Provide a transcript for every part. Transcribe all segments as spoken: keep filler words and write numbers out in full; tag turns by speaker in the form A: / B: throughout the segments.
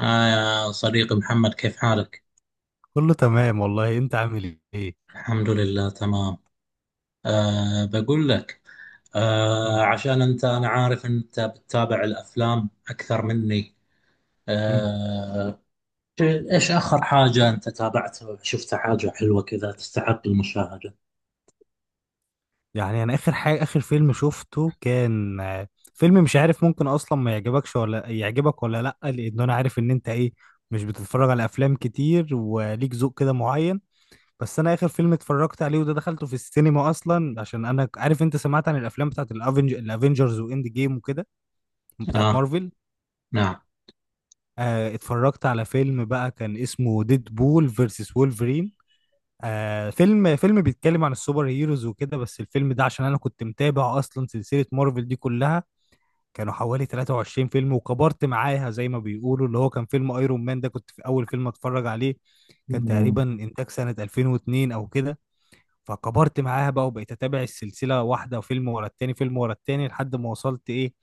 A: آه يا صديقي محمد، كيف حالك؟
B: كله تمام والله انت عامل ايه؟
A: الحمد لله تمام. آه بقول لك،
B: مم.
A: آه عشان أنت، أنا عارف أنت بتتابع الأفلام أكثر مني.
B: مم.
A: آه. إيش آخر حاجة أنت تابعتها؟ شفت حاجة حلوة كذا تستحق المشاهدة؟
B: يعني انا اخر حاجه اخر فيلم شفته كان آه، فيلم مش عارف ممكن اصلا ما يعجبكش ولا يعجبك ولا لا، لان انا عارف ان انت ايه، مش بتتفرج على افلام كتير وليك ذوق كده معين. بس انا اخر فيلم اتفرجت عليه وده دخلته في السينما اصلا، عشان انا ك- عارف انت سمعت عن الافلام بتاعت الافنج الافنجرز واند جيم وكده، بتاعت
A: آه.
B: مارفل.
A: نعم.
B: آه، اتفرجت على فيلم بقى كان اسمه ديد بول فيرسس وولفرين. آه فيلم فيلم بيتكلم عن السوبر هيروز وكده، بس الفيلم ده عشان انا كنت متابع اصلا سلسلة مارفل دي كلها، كانوا حوالي تلاتة وعشرين فيلم، وكبرت معاها زي ما بيقولوا، اللي هو كان فيلم ايرون مان ده كنت في اول فيلم اتفرج عليه، كان
A: مم.
B: تقريبا انتاج سنة ألفين واثنين او كده. فكبرت معاها بقى وبقيت اتابع السلسلة، واحدة وفيلم ورا التاني، فيلم ورا التاني لحد ما وصلت ايه،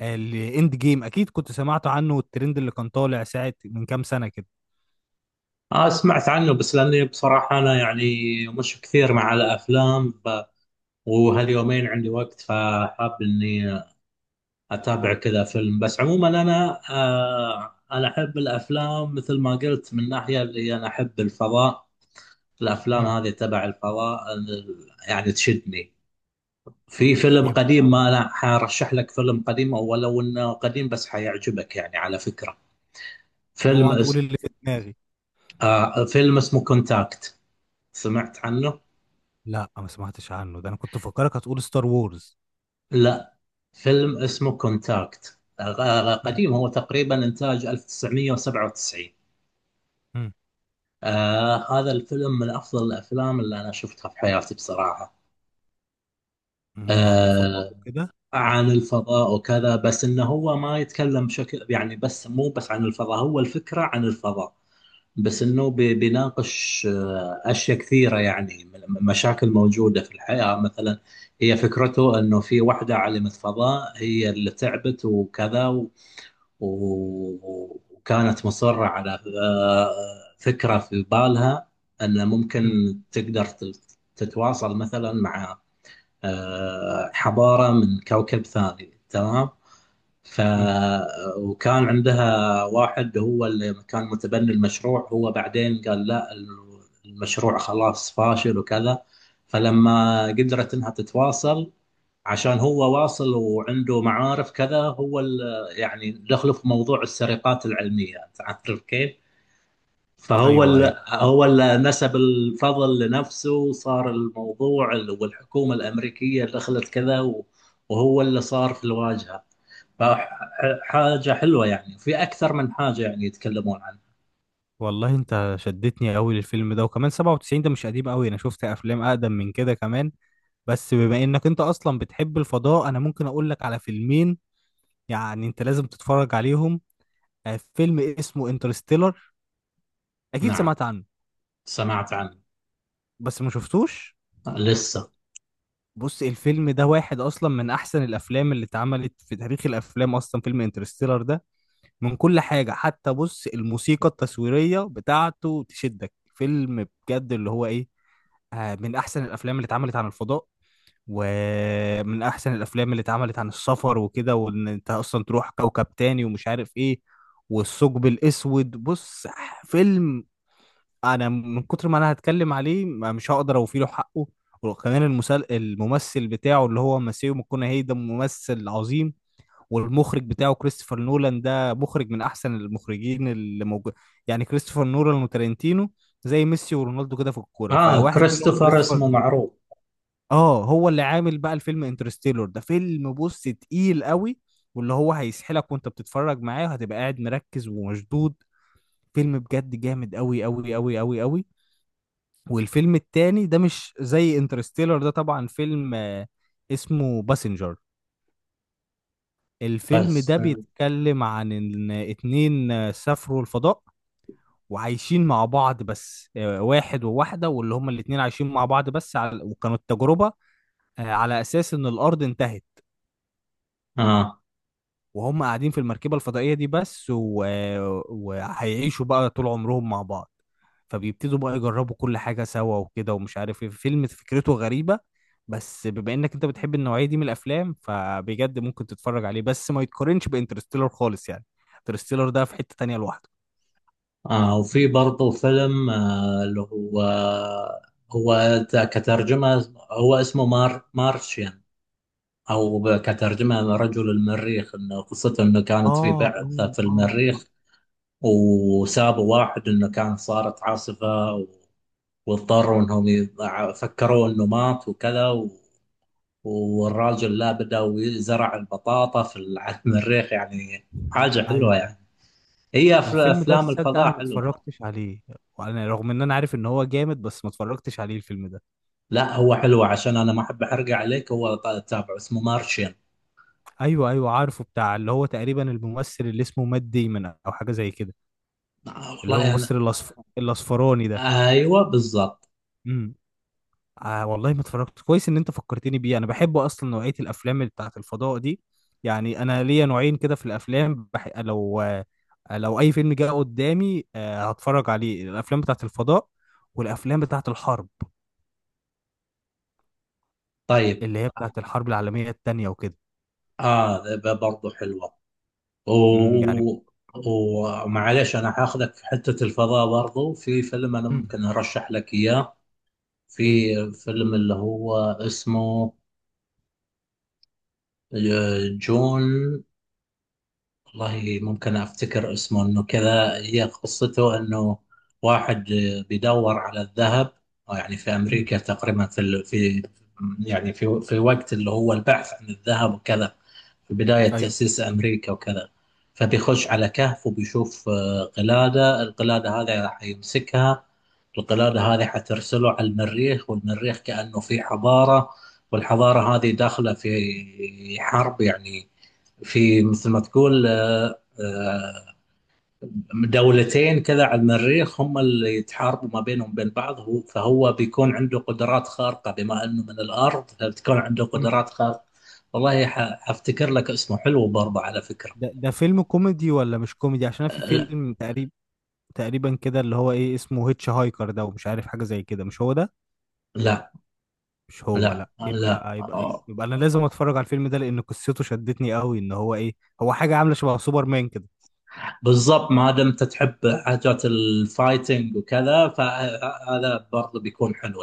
B: آه، الاند جيم اكيد كنت سمعت عنه، والترند اللي كان طالع ساعة من كام سنة كده.
A: آه سمعت عنه، بس لأني بصراحة أنا يعني مش كثير مع الأفلام ف... وهاليومين عندي وقت فحاب إني اتابع كذا فيلم. بس عموما انا آه انا احب الافلام، مثل ما قلت، من ناحيه اللي انا احب الفضاء. الافلام
B: مم.
A: هذه تبع الفضاء ال- يعني تشدني. في فيلم قديم،
B: يبقى
A: ما انا حرشح لك فيلم قديم، او لو انه قديم بس حيعجبك يعني على فكره. فيلم
B: اوعى تقول
A: اس...
B: اللي في دماغي.
A: آه فيلم اسمه كونتاكت، سمعت عنه؟
B: لا ما سمعتش عنه، ده انا كنت فاكرك هتقول ستار وورز.
A: لا، فيلم اسمه كونتاكت، آه
B: مم.
A: قديم، هو تقريبا انتاج ألف وتسعمية وسبعة وتسعين.
B: مم.
A: آه هذا الفيلم من أفضل الأفلام اللي أنا شفتها في حياتي بصراحة.
B: مم. عن الفضاء
A: آه
B: وكده.
A: عن الفضاء وكذا، بس إنه هو ما يتكلم بشكل يعني، بس مو بس عن الفضاء، هو الفكرة عن الفضاء، بس إنه بي- بيناقش آه أشياء كثيرة يعني، م- مشاكل موجودة في الحياة مثلا. هي فكرته إنه في واحدة عالمة فضاء هي اللي تعبت وكذا، و- وكانت مصرة على آه، فكرة في بالها أن ممكن
B: مم.
A: تقدر تت- تتواصل مثلا مع آه، حضارة من كوكب ثاني، تمام. ف
B: مم.
A: وكان عندها واحد هو اللي كان متبني المشروع، هو بعدين قال لا، المشروع خلاص فاشل وكذا. فلما قدرت انها تتواصل، عشان هو واصل وعنده معارف كذا، هو ال- يعني دخله في موضوع السرقات العلمية، تعرف كيف؟ فهو
B: ايوه ايوه.
A: ال هو ال نسب الفضل لنفسه، وصار الموضوع ال- والحكومة الأمريكية دخلت كذا و- وهو اللي صار في الواجهة. فحاجة حلوة يعني، في أكثر من حاجة يعني يتكلمون عنها.
B: والله انت شدتني قوي للفيلم ده، وكمان سبعة وتسعين ده مش قديم قوي، انا شفت افلام اقدم من كده كمان. بس بما انك انت اصلا بتحب الفضاء انا ممكن اقول لك على فيلمين، يعني انت لازم تتفرج عليهم. آه، فيلم اسمه انترستيلر، اكيد
A: نعم
B: سمعت عنه
A: سمعت عنه.
B: بس ما شفتوش.
A: لسه.
B: بص الفيلم ده واحد اصلا من احسن الافلام اللي اتعملت في تاريخ الافلام اصلا، فيلم انترستيلر ده من كل حاجة، حتى بص الموسيقى التصويرية بتاعته تشدك، فيلم بجد اللي هو ايه، آه، من احسن الافلام اللي اتعملت عن الفضاء، ومن احسن الافلام اللي اتعملت عن السفر وكده، وان انت اصلا تروح كوكب تاني ومش عارف ايه، والثقب الاسود. بص، فيلم، انا من كتر ما انا هتكلم عليه ما- مش هقدر اوفي له حقه. وكمان المسل... الممثل بتاعه اللي هو ماسيو ماكونهي ده ممثل عظيم، والمخرج بتاعه كريستوفر نولان ده مخرج من احسن المخرجين اللي موجود، يعني كريستوفر نولان وتارنتينو زي ميسي ورونالدو كده في الكوره،
A: آه
B: فواحد منهم
A: كريستوفر
B: كريستوفر.
A: اسمه معروف.
B: اه هو اللي عامل بقى الفيلم انترستيلر ده، فيلم بص تقيل قوي، واللي هو هيسحلك وانت بتتفرج معاه، وهتبقى قاعد مركز ومشدود، فيلم بجد جامد قوي قوي قوي قوي قوي. والفيلم التاني ده مش زي انترستيلر ده طبعا، فيلم آه، اسمه باسنجر. الفيلم
A: بس.
B: ده بيتكلم عن ان اتنين آه، سافروا الفضاء، وعايشين مع بعض، بس آه، واحد وواحدة، واللي هما الاتنين عايشين مع بعض بس، على وكانوا التجربة آه، على اساس ان الارض انتهت،
A: آه.
B: وهم قاعدين في المركبة الفضائية دي بس و... وهيعيشوا بقى طول عمرهم مع بعض، فبيبتدوا بقى يجربوا كل حاجة سوا وكده ومش عارف ايه، فيلم فكرته غريبة. بس بما انك انت بتحب النوعية دي من الافلام فبجد ممكن تتفرج عليه، بس ما يتقارنش بانترستيلر خالص يعني، انترستيلر ده في حتة تانية لوحده.
A: آه وفي برضه فيلم، آه اللي هو، هو ت- كترجمة هو اسمه مار مارشيان، أو ب- كترجمة رجل المريخ. إنه قصته إنه كانت في
B: اه اه
A: بعثة في
B: اه آه.
A: المريخ، وسابوا واحد إنه كان صارت عاصفة و- واضطروا إنهم يضع- فكروا إنه مات وكذا و- والراجل لا، بدأ يزرع البطاطا في ال- على المريخ، يعني حاجة حلوة
B: ايوه.
A: يعني. هي أف-
B: الفيلم ده
A: أفلام
B: تصدق
A: الفضاء
B: انا ما
A: حلوة.
B: اتفرجتش عليه. وانا رغم ان انا عارف ان هو جامد بس ما اتفرجتش عليه الفيلم ده.
A: لا هو حلو، عشان انا ما احب احرق عليك، هو ط- تابعه اسمه مارشين.
B: ايوه ايوه عارفه، بتاع اللي هو تقريبا الممثل اللي اسمه مات ديمون او حاجه زي كده،
A: آه
B: اللي هو
A: والله انا.
B: الممثل الاصف... الاصفراني ده.
A: آه، ايوه بالضبط.
B: امم. آه والله ما اتفرجت، كويس ان انت فكرتني بيه، انا بحب اصلا نوعيه الافلام اللي بتاعت الفضاء دي. يعني انا ليا نوعين كده في الافلام، بح... لو آه، لو اي فيلم جه قدامي آه هتفرج عليه، الافلام بتاعت الفضاء، والافلام بتاعت الحرب
A: طيب.
B: اللي هي بتاعت الحرب العالميه التانيه وكده.
A: اه ب- برضو حلوه.
B: امم يعني.
A: و- ومعليش انا حاخذك في حته الفضاء برضو، في فيلم انا ممكن
B: امم.
A: ارشح لك اياه. في
B: ايه.
A: فيلم اللي هو اسمه آه، جون، والله ممكن افتكر اسمه انه كذا. هي قصته انه واحد بيدور على الذهب، آه، يعني في
B: امم.
A: امريكا تقريبا في ال- في يعني في في وقت اللي هو البحث عن الذهب وكذا، في بداية
B: ايوه.
A: تأسيس أمريكا وكذا. فبيخش على كهف وبيشوف آه، قلادة، القلادة هذه راح يمسكها. القلادة هذه حترسله على المريخ، والمريخ كأنه في حضارة، والحضارة هذه داخلة في حرب يعني، في مثل ما تقول آه، آه، دولتين كذا على المريخ هم اللي يتحاربوا ما بينهم بين بعض. هو فهو بيكون عنده قدرات خارقة، بما انه من الارض فبتكون عنده
B: امم.
A: قدرات خارقة. والله ح- حفتكر لك اسمه، حلو برضه على فكرة.
B: ده ده فيلم كوميدي ولا مش كوميدي؟ عشان أنا في
A: لا،
B: فيلم تقريبا تقريبا كده اللي هو ايه، اسمه هيتش هايكر ده ومش عارف حاجه زي كده، مش هو ده؟
A: لا
B: مش هو،
A: لا,
B: لا.
A: لا.
B: يبقى يبقى يبقى,
A: آه.
B: يبقى انا لازم اتفرج على الفيلم ده، لان قصته شدتني قوي ان هو ايه، هو حاجه عامله شبه سوبرمان كده.
A: بالضبط، ما دمت تحب حاجات الفايتنج وكذا، فهذا برضه بيكون حلو.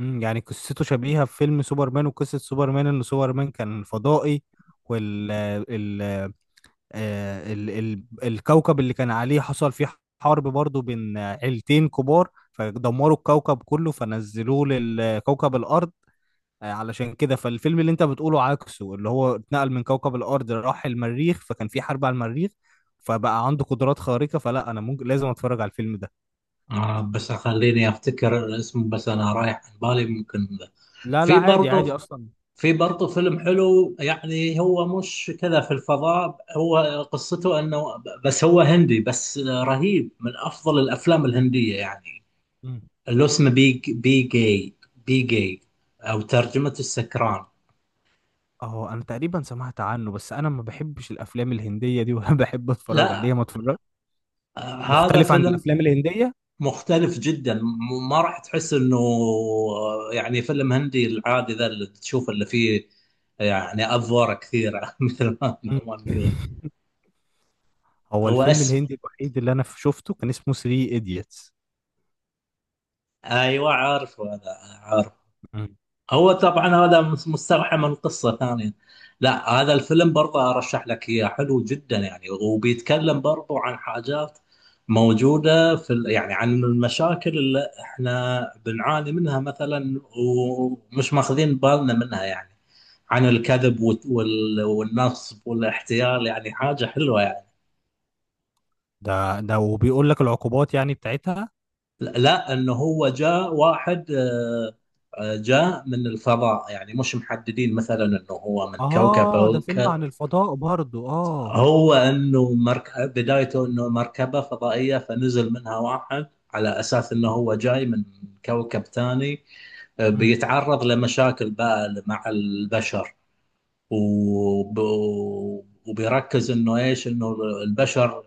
B: امم يعني قصته شبيهه بفيلم سوبرمان، وقصه سوبرمان ان سوبرمان كان فضائي، وال آه، ال ال الكوكب اللي كان عليه حصل فيه حرب برضو بين آه، عيلتين كبار، فدمروا الكوكب كله فنزلوه لكوكب الأرض. آه، علشان كده فالفيلم اللي انت بتقوله عكسه، اللي هو اتنقل من كوكب الأرض راح المريخ، فكان في حرب على المريخ فبقى عنده قدرات خارقة، فلا انا ممكن لازم اتفرج على الفيلم ده.
A: آه بس خليني افتكر الاسم، بس انا رايح عن بالي ممكن ذا.
B: لا لا
A: في
B: عادي عادي
A: برضه،
B: اصلا.
A: في برضه فيلم حلو، يعني هو مش كذا في الفضاء. هو قصته انه، بس هو هندي بس رهيب، من افضل الافلام الهندية يعني،
B: مم.
A: اللي اسمه بي بي جاي، بي جاي، او ترجمة السكران.
B: اه انا تقريبا سمعت عنه، بس انا ما بحبش الافلام الهندية دي، ولا بحب اتفرج
A: لا،
B: عليها ما اتفرج.
A: آه، هذا
B: مختلف عن
A: فيلم
B: الافلام الهندية؟
A: مختلف جدا، م- ما راح تحس انه آه، يعني فيلم هندي العادي ذا اللي تشوف اللي فيه، يعني افواره كثيره مثل ما
B: مم.
A: ما نقول.
B: هو
A: هو
B: الفيلم
A: اسم،
B: الهندي الوحيد اللي انا شفته كان اسمه ثري ايديتس.
A: ايوه عارفه انا. هو طبعا هذا مستوحى من قصة ثانية. لا، هذا الفيلم برضه أرشح لك إياه، حلو جدا يعني، وبيتكلم برضه عن حاجات موجودة في ال- يعني عن المشاكل اللي احنا بنعاني منها مثلا ومش ماخذين بالنا منها يعني، عن الكذب وت- وال- والنصب والاحتيال، يعني حاجة حلوة يعني.
B: ده ده وبيقول لك العقوبات يعني بتاعتها؟
A: لا، انه هو جاء واحد آه، آه، جاء من الفضاء، يعني مش محددين مثلا انه هو من كوكب.
B: اه ده فيلم عن الفضاء برضو، اه.
A: هو انه مركب، بدايته انه مركبه فضائيه فنزل منها واحد، على اساس انه هو جاي من كوكب ثاني. آه،
B: مم.
A: بيتعرض لمشاكل بقى مع البشر، وب... وبيركز انه ايش، انه البشر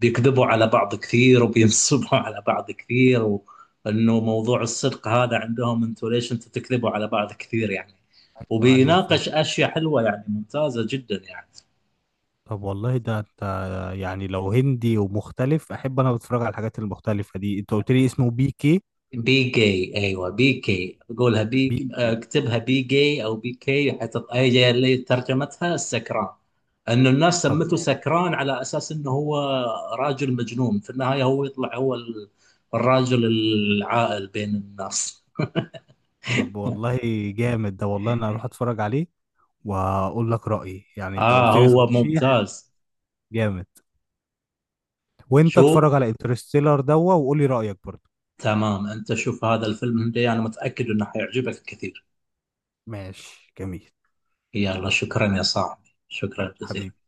A: بيكذبوا على بعض كثير وبينصبوا على بعض كثير، وانه موضوع الصدق هذا عندهم، انتوا ليش انتوا تكذبوا على بعض كثير يعني.
B: ايوه ايوه فيلم.
A: وبيناقش اشياء حلوه يعني، ممتازه جدا يعني.
B: طب والله ده انت، يعني لو هندي ومختلف احب انا اتفرج على الحاجات المختلفه دي. انت قلت لي اسمه بي كي؟
A: بي جي، ايوه بي كي، قولها بي،
B: بي كي.
A: اكتبها بي جي او بي كي حتط... هي اللي ترجمتها السكران. انه الناس
B: طب
A: سمته
B: ماشي.
A: سكران على اساس انه هو راجل مجنون، في النهايه هو يطلع هو ال- الراجل العاقل بين الناس.
B: طب والله جامد ده، والله انا هروح اتفرج عليه واقول لك رايي، يعني انت
A: اه
B: قلت لي
A: هو
B: ترشيح
A: ممتاز.
B: جامد. وانت
A: شو.
B: اتفرج على انترستيلر دوا وقول لي رايك برضو.
A: تمام، انت شوف هذا الفيلم هندي، انا متاكد انه حيعجبك كثير.
B: ماشي جميل.
A: يلا شكرا يا صاحبي، شكرا جزيلا.
B: حبيبي.